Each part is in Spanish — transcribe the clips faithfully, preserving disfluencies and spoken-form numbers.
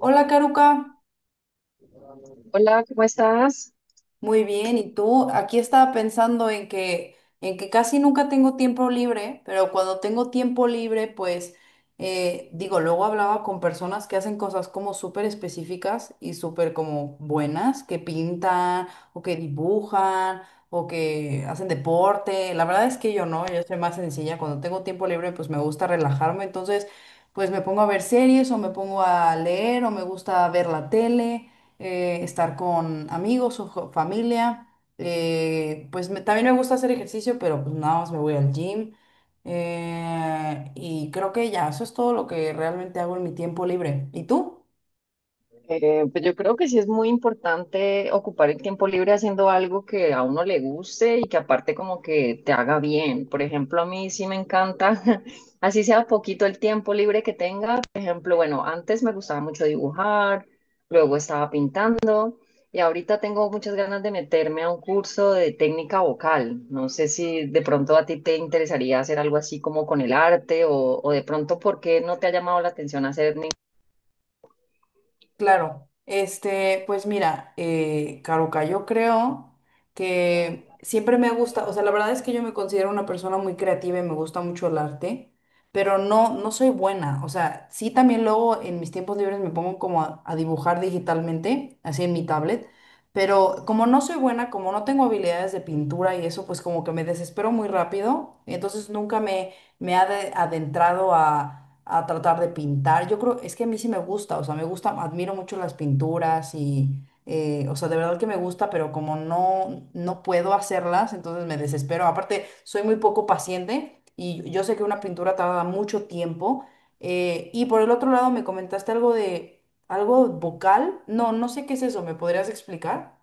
Hola, Karuka. Hola, ¿cómo estás? Muy bien, ¿y tú? Aquí estaba pensando en que en que casi nunca tengo tiempo libre, pero cuando tengo tiempo libre, pues eh, digo, luego hablaba con personas que hacen cosas como súper específicas y súper como buenas, que pintan o que dibujan o que hacen deporte. La verdad es que yo no, yo soy más sencilla. Cuando tengo tiempo libre, pues me gusta relajarme, entonces pues me pongo a ver series o me pongo a leer o me gusta ver la tele. Eh, estar con amigos o jo- familia. Eh, pues me- también me gusta hacer ejercicio, pero pues nada más me voy al gym. Eh, y creo que ya, eso es todo lo que realmente hago en mi tiempo libre. ¿Y tú? Eh, pues yo creo que sí es muy importante ocupar el tiempo libre haciendo algo que a uno le guste y que aparte como que te haga bien. Por ejemplo, a mí sí me encanta, así sea poquito el tiempo libre que tenga. Por ejemplo, bueno, antes me gustaba mucho dibujar, luego estaba pintando y ahorita tengo muchas ganas de meterme a un curso de técnica vocal. No sé si de pronto a ti te interesaría hacer algo así como con el arte o, o de pronto por qué no te ha llamado la atención hacer. Claro, este, pues mira, eh, Caruca, yo creo que siempre me gusta, o sea, la verdad es que yo me considero una persona muy creativa y me gusta mucho el arte, pero no, no soy buena, o sea, sí también luego en mis tiempos libres me pongo como a, a dibujar digitalmente, así en mi tablet, pero como no soy buena, como no tengo habilidades de pintura y eso, pues como que me desespero muy rápido, entonces nunca me, me ha ade- adentrado a a tratar de pintar. Yo creo, es que a mí sí me gusta, o sea, me gusta, admiro mucho las pinturas y, eh, o sea, de verdad que me gusta, pero como no, no puedo hacerlas, entonces me desespero. Aparte, soy muy poco paciente y yo sé que una pintura tarda mucho tiempo. Eh, y por el otro lado, me comentaste algo de, algo vocal. No, no sé qué es eso, ¿me podrías explicar?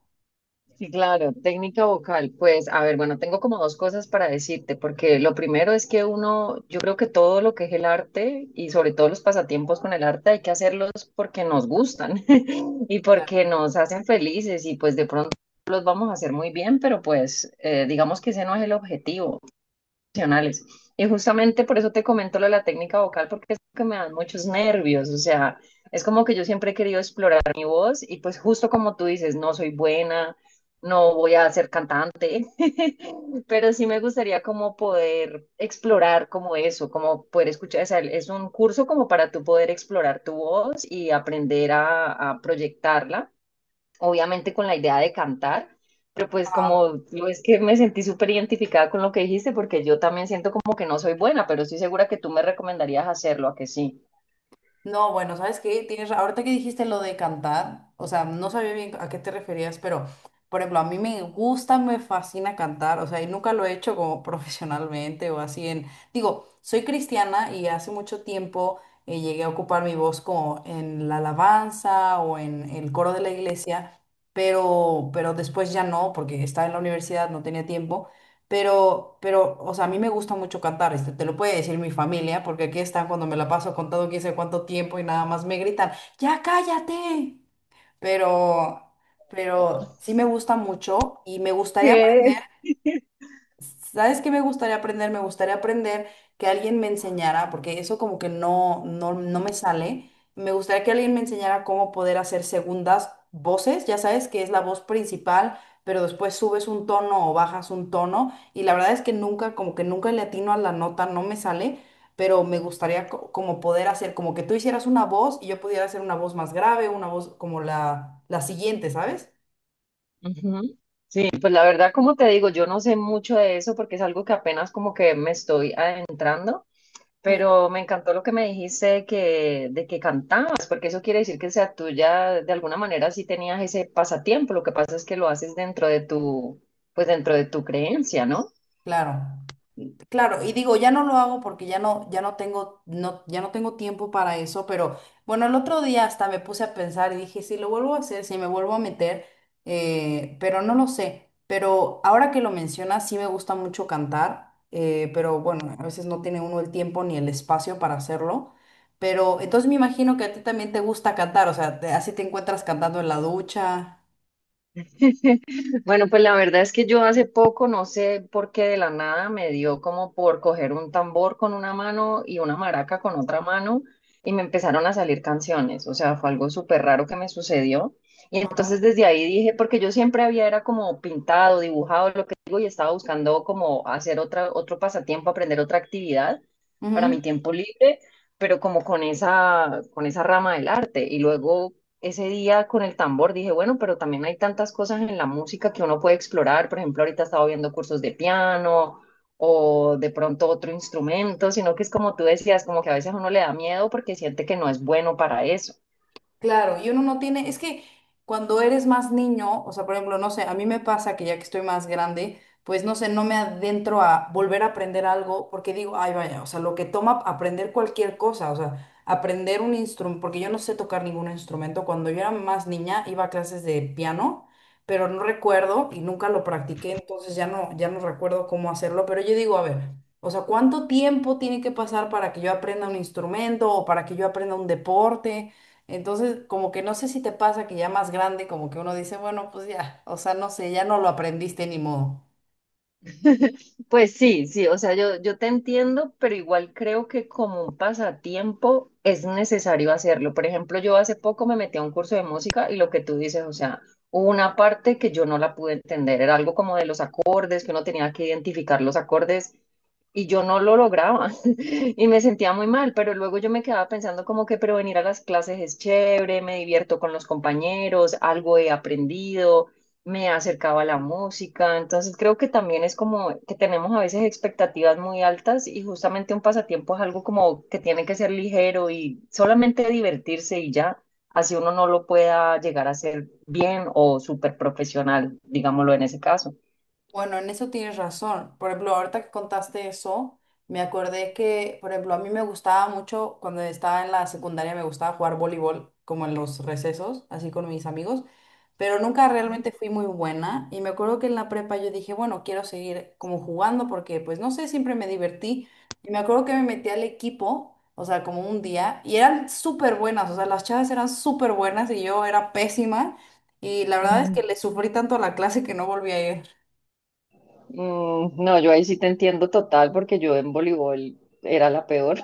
Sí, claro, técnica vocal. Pues, a ver, bueno, tengo como dos cosas para decirte, porque lo primero es que uno, yo creo que todo lo que es el arte y sobre todo los pasatiempos con el arte hay que hacerlos porque nos gustan y porque nos hacen felices y pues de pronto los vamos a hacer muy bien, pero pues eh, digamos que ese no es el objetivo emocionales. Y justamente por eso te comento lo de la técnica vocal, porque es que me dan muchos nervios, o sea, es como que yo siempre he querido explorar mi voz y pues justo como tú dices, no soy buena, no voy a ser cantante, pero sí me gustaría como poder explorar como eso, como poder escuchar, o sea, es un curso como para tú poder explorar tu voz y aprender a, a proyectarla obviamente con la idea de cantar, pero pues Claro. como lo es que me sentí súper identificada con lo que dijiste, porque yo también siento como que no soy buena, pero estoy segura que tú me recomendarías hacerlo, a que sí. No, bueno, ¿sabes qué? Tienes, ra- ahorita que dijiste lo de cantar, o sea, no sabía bien a qué te referías, pero, por ejemplo, a mí me gusta, me fascina cantar, o sea, y nunca lo he hecho como profesionalmente o así en, digo, soy cristiana y hace mucho tiempo eh, llegué a ocupar mi voz como en la alabanza o en el coro de la iglesia, pero, pero después ya no, porque estaba en la universidad, no tenía tiempo. Pero, pero, o sea, a mí me gusta mucho cantar, este, te lo puede decir mi familia, porque aquí están cuando me la paso contando quién sabe cuánto tiempo y nada más me gritan, ¡ya cállate! Pero, pero sí me gusta mucho y me gustaría ¿Qué? aprender. ¿Sabes qué me gustaría aprender? Me gustaría aprender que alguien me enseñara, porque eso como que no, no, no me sale. Me gustaría que alguien me enseñara cómo poder hacer segundas voces, ya sabes que es la voz principal, pero después subes un tono o bajas un tono y la verdad es que nunca, como que nunca le atino a la nota, no me sale, pero me gustaría co- como poder hacer, como que tú hicieras una voz y yo pudiera hacer una voz más grave, una voz como la, la siguiente, ¿sabes? Ujú. Sí, pues la verdad, como te digo, yo no sé mucho de eso porque es algo que apenas como que me estoy adentrando, Ujú. pero me encantó lo que me dijiste de que, de que cantabas, porque eso quiere decir que sea tuya, de alguna manera sí tenías ese pasatiempo, lo que pasa es que lo haces dentro de tu, pues dentro de tu creencia, ¿no? Claro. Claro, y digo, ya no lo hago porque ya no, ya no tengo, no, ya no tengo tiempo para eso, pero bueno, el otro día hasta me puse a pensar y dije, si lo vuelvo a hacer, si me vuelvo a meter, eh, pero no lo sé. Pero ahora que lo mencionas, sí me gusta mucho cantar, eh, pero bueno, a veces no tiene uno el tiempo ni el espacio para hacerlo. Pero entonces me imagino que a ti también te gusta cantar, o sea, te- así te encuentras cantando en la ducha. Bueno, pues la verdad es que yo hace poco, no sé por qué de la nada, me dio como por coger un tambor con una mano y una maraca con otra mano y me empezaron a salir canciones. O sea, fue algo súper raro que me sucedió. Y entonces desde ahí dije, porque yo siempre había era como pintado, dibujado, lo que digo, y estaba buscando como hacer otra, otro pasatiempo, aprender otra actividad para Ujú. mi tiempo libre, pero como con esa, con esa rama del arte. Y luego ese día con el tambor dije, bueno, pero también hay tantas cosas en la música que uno puede explorar. Por ejemplo, ahorita estaba viendo cursos de piano o de pronto otro instrumento, sino que es como tú decías, como que a veces uno le da miedo porque siente que no es bueno para eso. Claro, y uno no tiene, es que cuando eres más niño, o sea, por ejemplo, no sé, a mí me pasa que ya que estoy más grande, pues no sé, no me adentro a volver a aprender algo porque digo, ay, vaya, o sea, lo que toma aprender cualquier cosa, o sea, aprender un instrumento, porque yo no sé tocar ningún instrumento, cuando yo era más niña iba a clases de piano, pero no recuerdo y nunca lo practiqué, entonces ya no, ya no recuerdo cómo hacerlo, pero yo digo, a ver. O sea, ¿cuánto tiempo tiene que pasar para que yo aprenda un instrumento o para que yo aprenda un deporte? Entonces, como que no sé si te pasa que ya más grande, como que uno dice, bueno, pues ya, o sea, no sé, ya no lo aprendiste, ni modo. Pues sí, sí, o sea, yo, yo te entiendo, pero igual creo que como un pasatiempo es necesario hacerlo. Por ejemplo, yo hace poco me metí a un curso de música y lo que tú dices, o sea, hubo una parte que yo no la pude entender, era algo como de los acordes, que uno tenía que identificar los acordes y yo no lo lograba y me sentía muy mal, pero luego yo me quedaba pensando como que, pero venir a las clases es chévere, me divierto con los compañeros, algo he aprendido, me acercaba a la música, entonces creo que también es como que tenemos a veces expectativas muy altas y justamente un pasatiempo es algo como que tiene que ser ligero y solamente divertirse y ya, así uno no lo pueda llegar a hacer bien o súper profesional, digámoslo en ese caso. Bueno, en eso tienes razón. Por ejemplo, ahorita que contaste eso, me acordé que, por ejemplo, a mí me gustaba mucho cuando estaba en la secundaria, me gustaba jugar voleibol, como en los recesos, así con mis amigos, pero nunca ¿No? realmente fui muy buena. Y me acuerdo que en la prepa yo dije, bueno, quiero seguir como jugando porque, pues, no sé, siempre me divertí. Y me acuerdo que me metí al equipo, o sea, como un día, y eran súper buenas, o sea, las chavas eran súper buenas y yo era pésima. Y la verdad es que Mm. le sufrí tanto a la clase que no volví a ir. No, yo ahí sí te entiendo total porque yo en voleibol era la peor.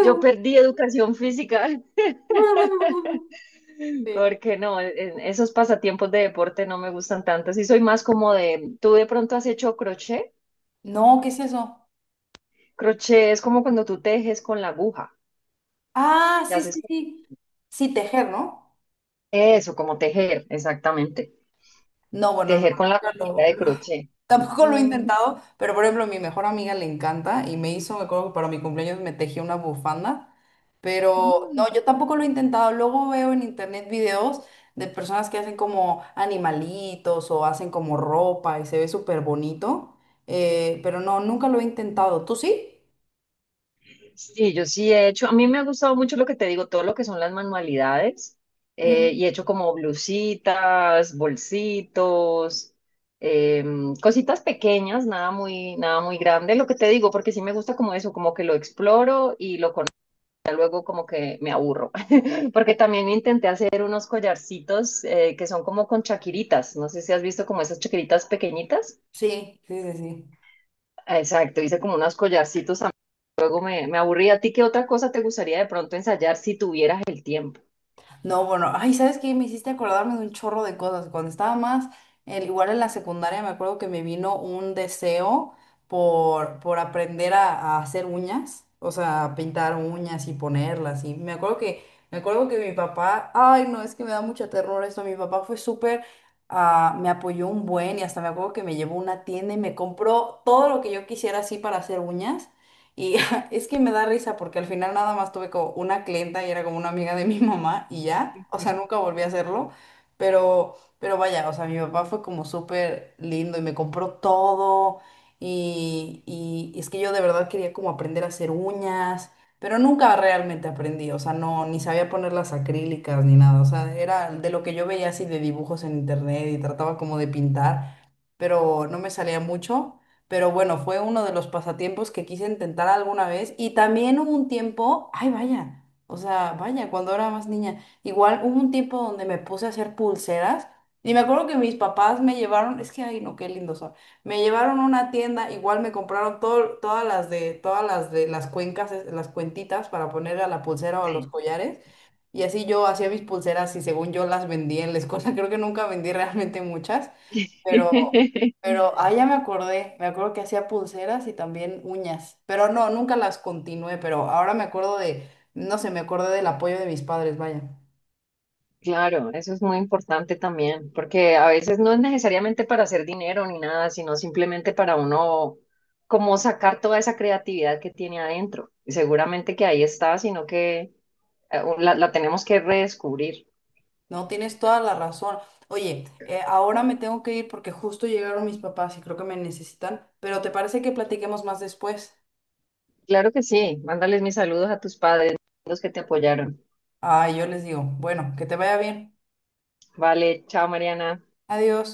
Yo perdí educación física. Sí. Porque no, en esos pasatiempos de deporte no me gustan tanto. Sí soy más como de, ¿tú de pronto has hecho crochet? No, ¿qué es eso? Crochet es como cuando tú tejes con la aguja. Ah, Y sí, haces sí, sí. Sí, tejer, ¿no? eso, como tejer, exactamente. No, bueno, no, Tejer con la nunca agujita lo- de lo- crochet. tampoco lo he intentado, pero por ejemplo, a mi mejor amiga le encanta y me hizo, me acuerdo que para mi cumpleaños me tejió una bufanda, pero Mm. no, yo tampoco lo he intentado. Luego veo en internet videos de personas que hacen como animalitos o hacen como ropa y se ve súper bonito, eh, pero no, nunca lo he intentado. ¿Tú sí? Sí, yo sí he hecho, a mí me ha gustado mucho lo que te digo, todo lo que son las manualidades, eh, Mm. y he hecho como blusitas, bolsitos, em, cositas pequeñas, nada muy, nada muy grande, lo que te digo, porque sí me gusta como eso, como que lo exploro y lo con, ya luego como que me aburro, porque también intenté hacer unos collarcitos, eh, que son como con chaquiritas, no sé si has visto como esas chaquiritas pequeñitas. Sí, sí, sí, sí. Exacto, hice como unos collarcitos. Luego me, me aburrí. ¿A ti qué otra cosa te gustaría de pronto ensayar si tuvieras el tiempo? No, bueno, ay, ¿sabes qué? Me hiciste acordarme de un chorro de cosas. Cuando estaba más, eh, igual en la secundaria, me acuerdo que me vino un deseo por, por aprender a, a hacer uñas, o sea, pintar uñas y ponerlas. Y me acuerdo que, me acuerdo que mi papá, ay, no, es que me da mucha terror esto. Mi papá fue súper, ah, me apoyó un buen y hasta me acuerdo que me llevó a una tienda y me compró todo lo que yo quisiera así para hacer uñas. Y amiga, es que me da risa porque al final nada más tuve como una clienta y era como una amiga de mi mamá y ya, o sea, nunca volví a hacerlo, pero, pero vaya, o sea, mi papá fue como súper lindo y me compró todo y, y es que yo de verdad quería como aprender a hacer uñas, pero nunca realmente aprendí, o sea, no, ni sabía poner las acrílicas ni nada, o sea, era de lo que yo veía así de dibujos en internet y trataba como de pintar, pero no me salía mucho. Pero bueno, fue uno de los pasatiempos que quise intentar alguna vez. Y también hubo un tiempo, ay vaya, o sea, vaya, cuando era más niña, igual hubo un tiempo donde me puse a hacer pulseras. Y me acuerdo que mis papás me llevaron, es que ay no, qué lindos son. Me llevaron a una tienda, igual me compraron todo, todas las de, todas las de las cuencas, es- las cuentitas para poner a la pulsera o a los Sí. collares. Y así yo hacía mis pulseras y según yo las vendía en la escuela. Creo que nunca vendí realmente muchas. Pero pero, ah, ya me acordé, me acuerdo que hacía pulseras y también uñas, pero no, nunca las continué, pero ahora me acuerdo de, no sé, me acordé del apoyo de mis padres, vaya. Claro, eso es muy importante también, porque a veces no es necesariamente para hacer dinero ni nada, sino simplemente para uno como sacar toda esa creatividad que tiene adentro. Y seguramente que ahí está, sino que eh, la, la tenemos que redescubrir. No, tienes toda la razón. Oye, eh, ahora me tengo que ir porque justo llegaron mis papás y creo que me necesitan, pero ¿te parece que platiquemos más después? Claro que sí, mándales mis saludos a tus padres, los que te apoyaron. Ah, yo les digo, bueno, que te vaya bien. Vale, chao Mariana. Adiós.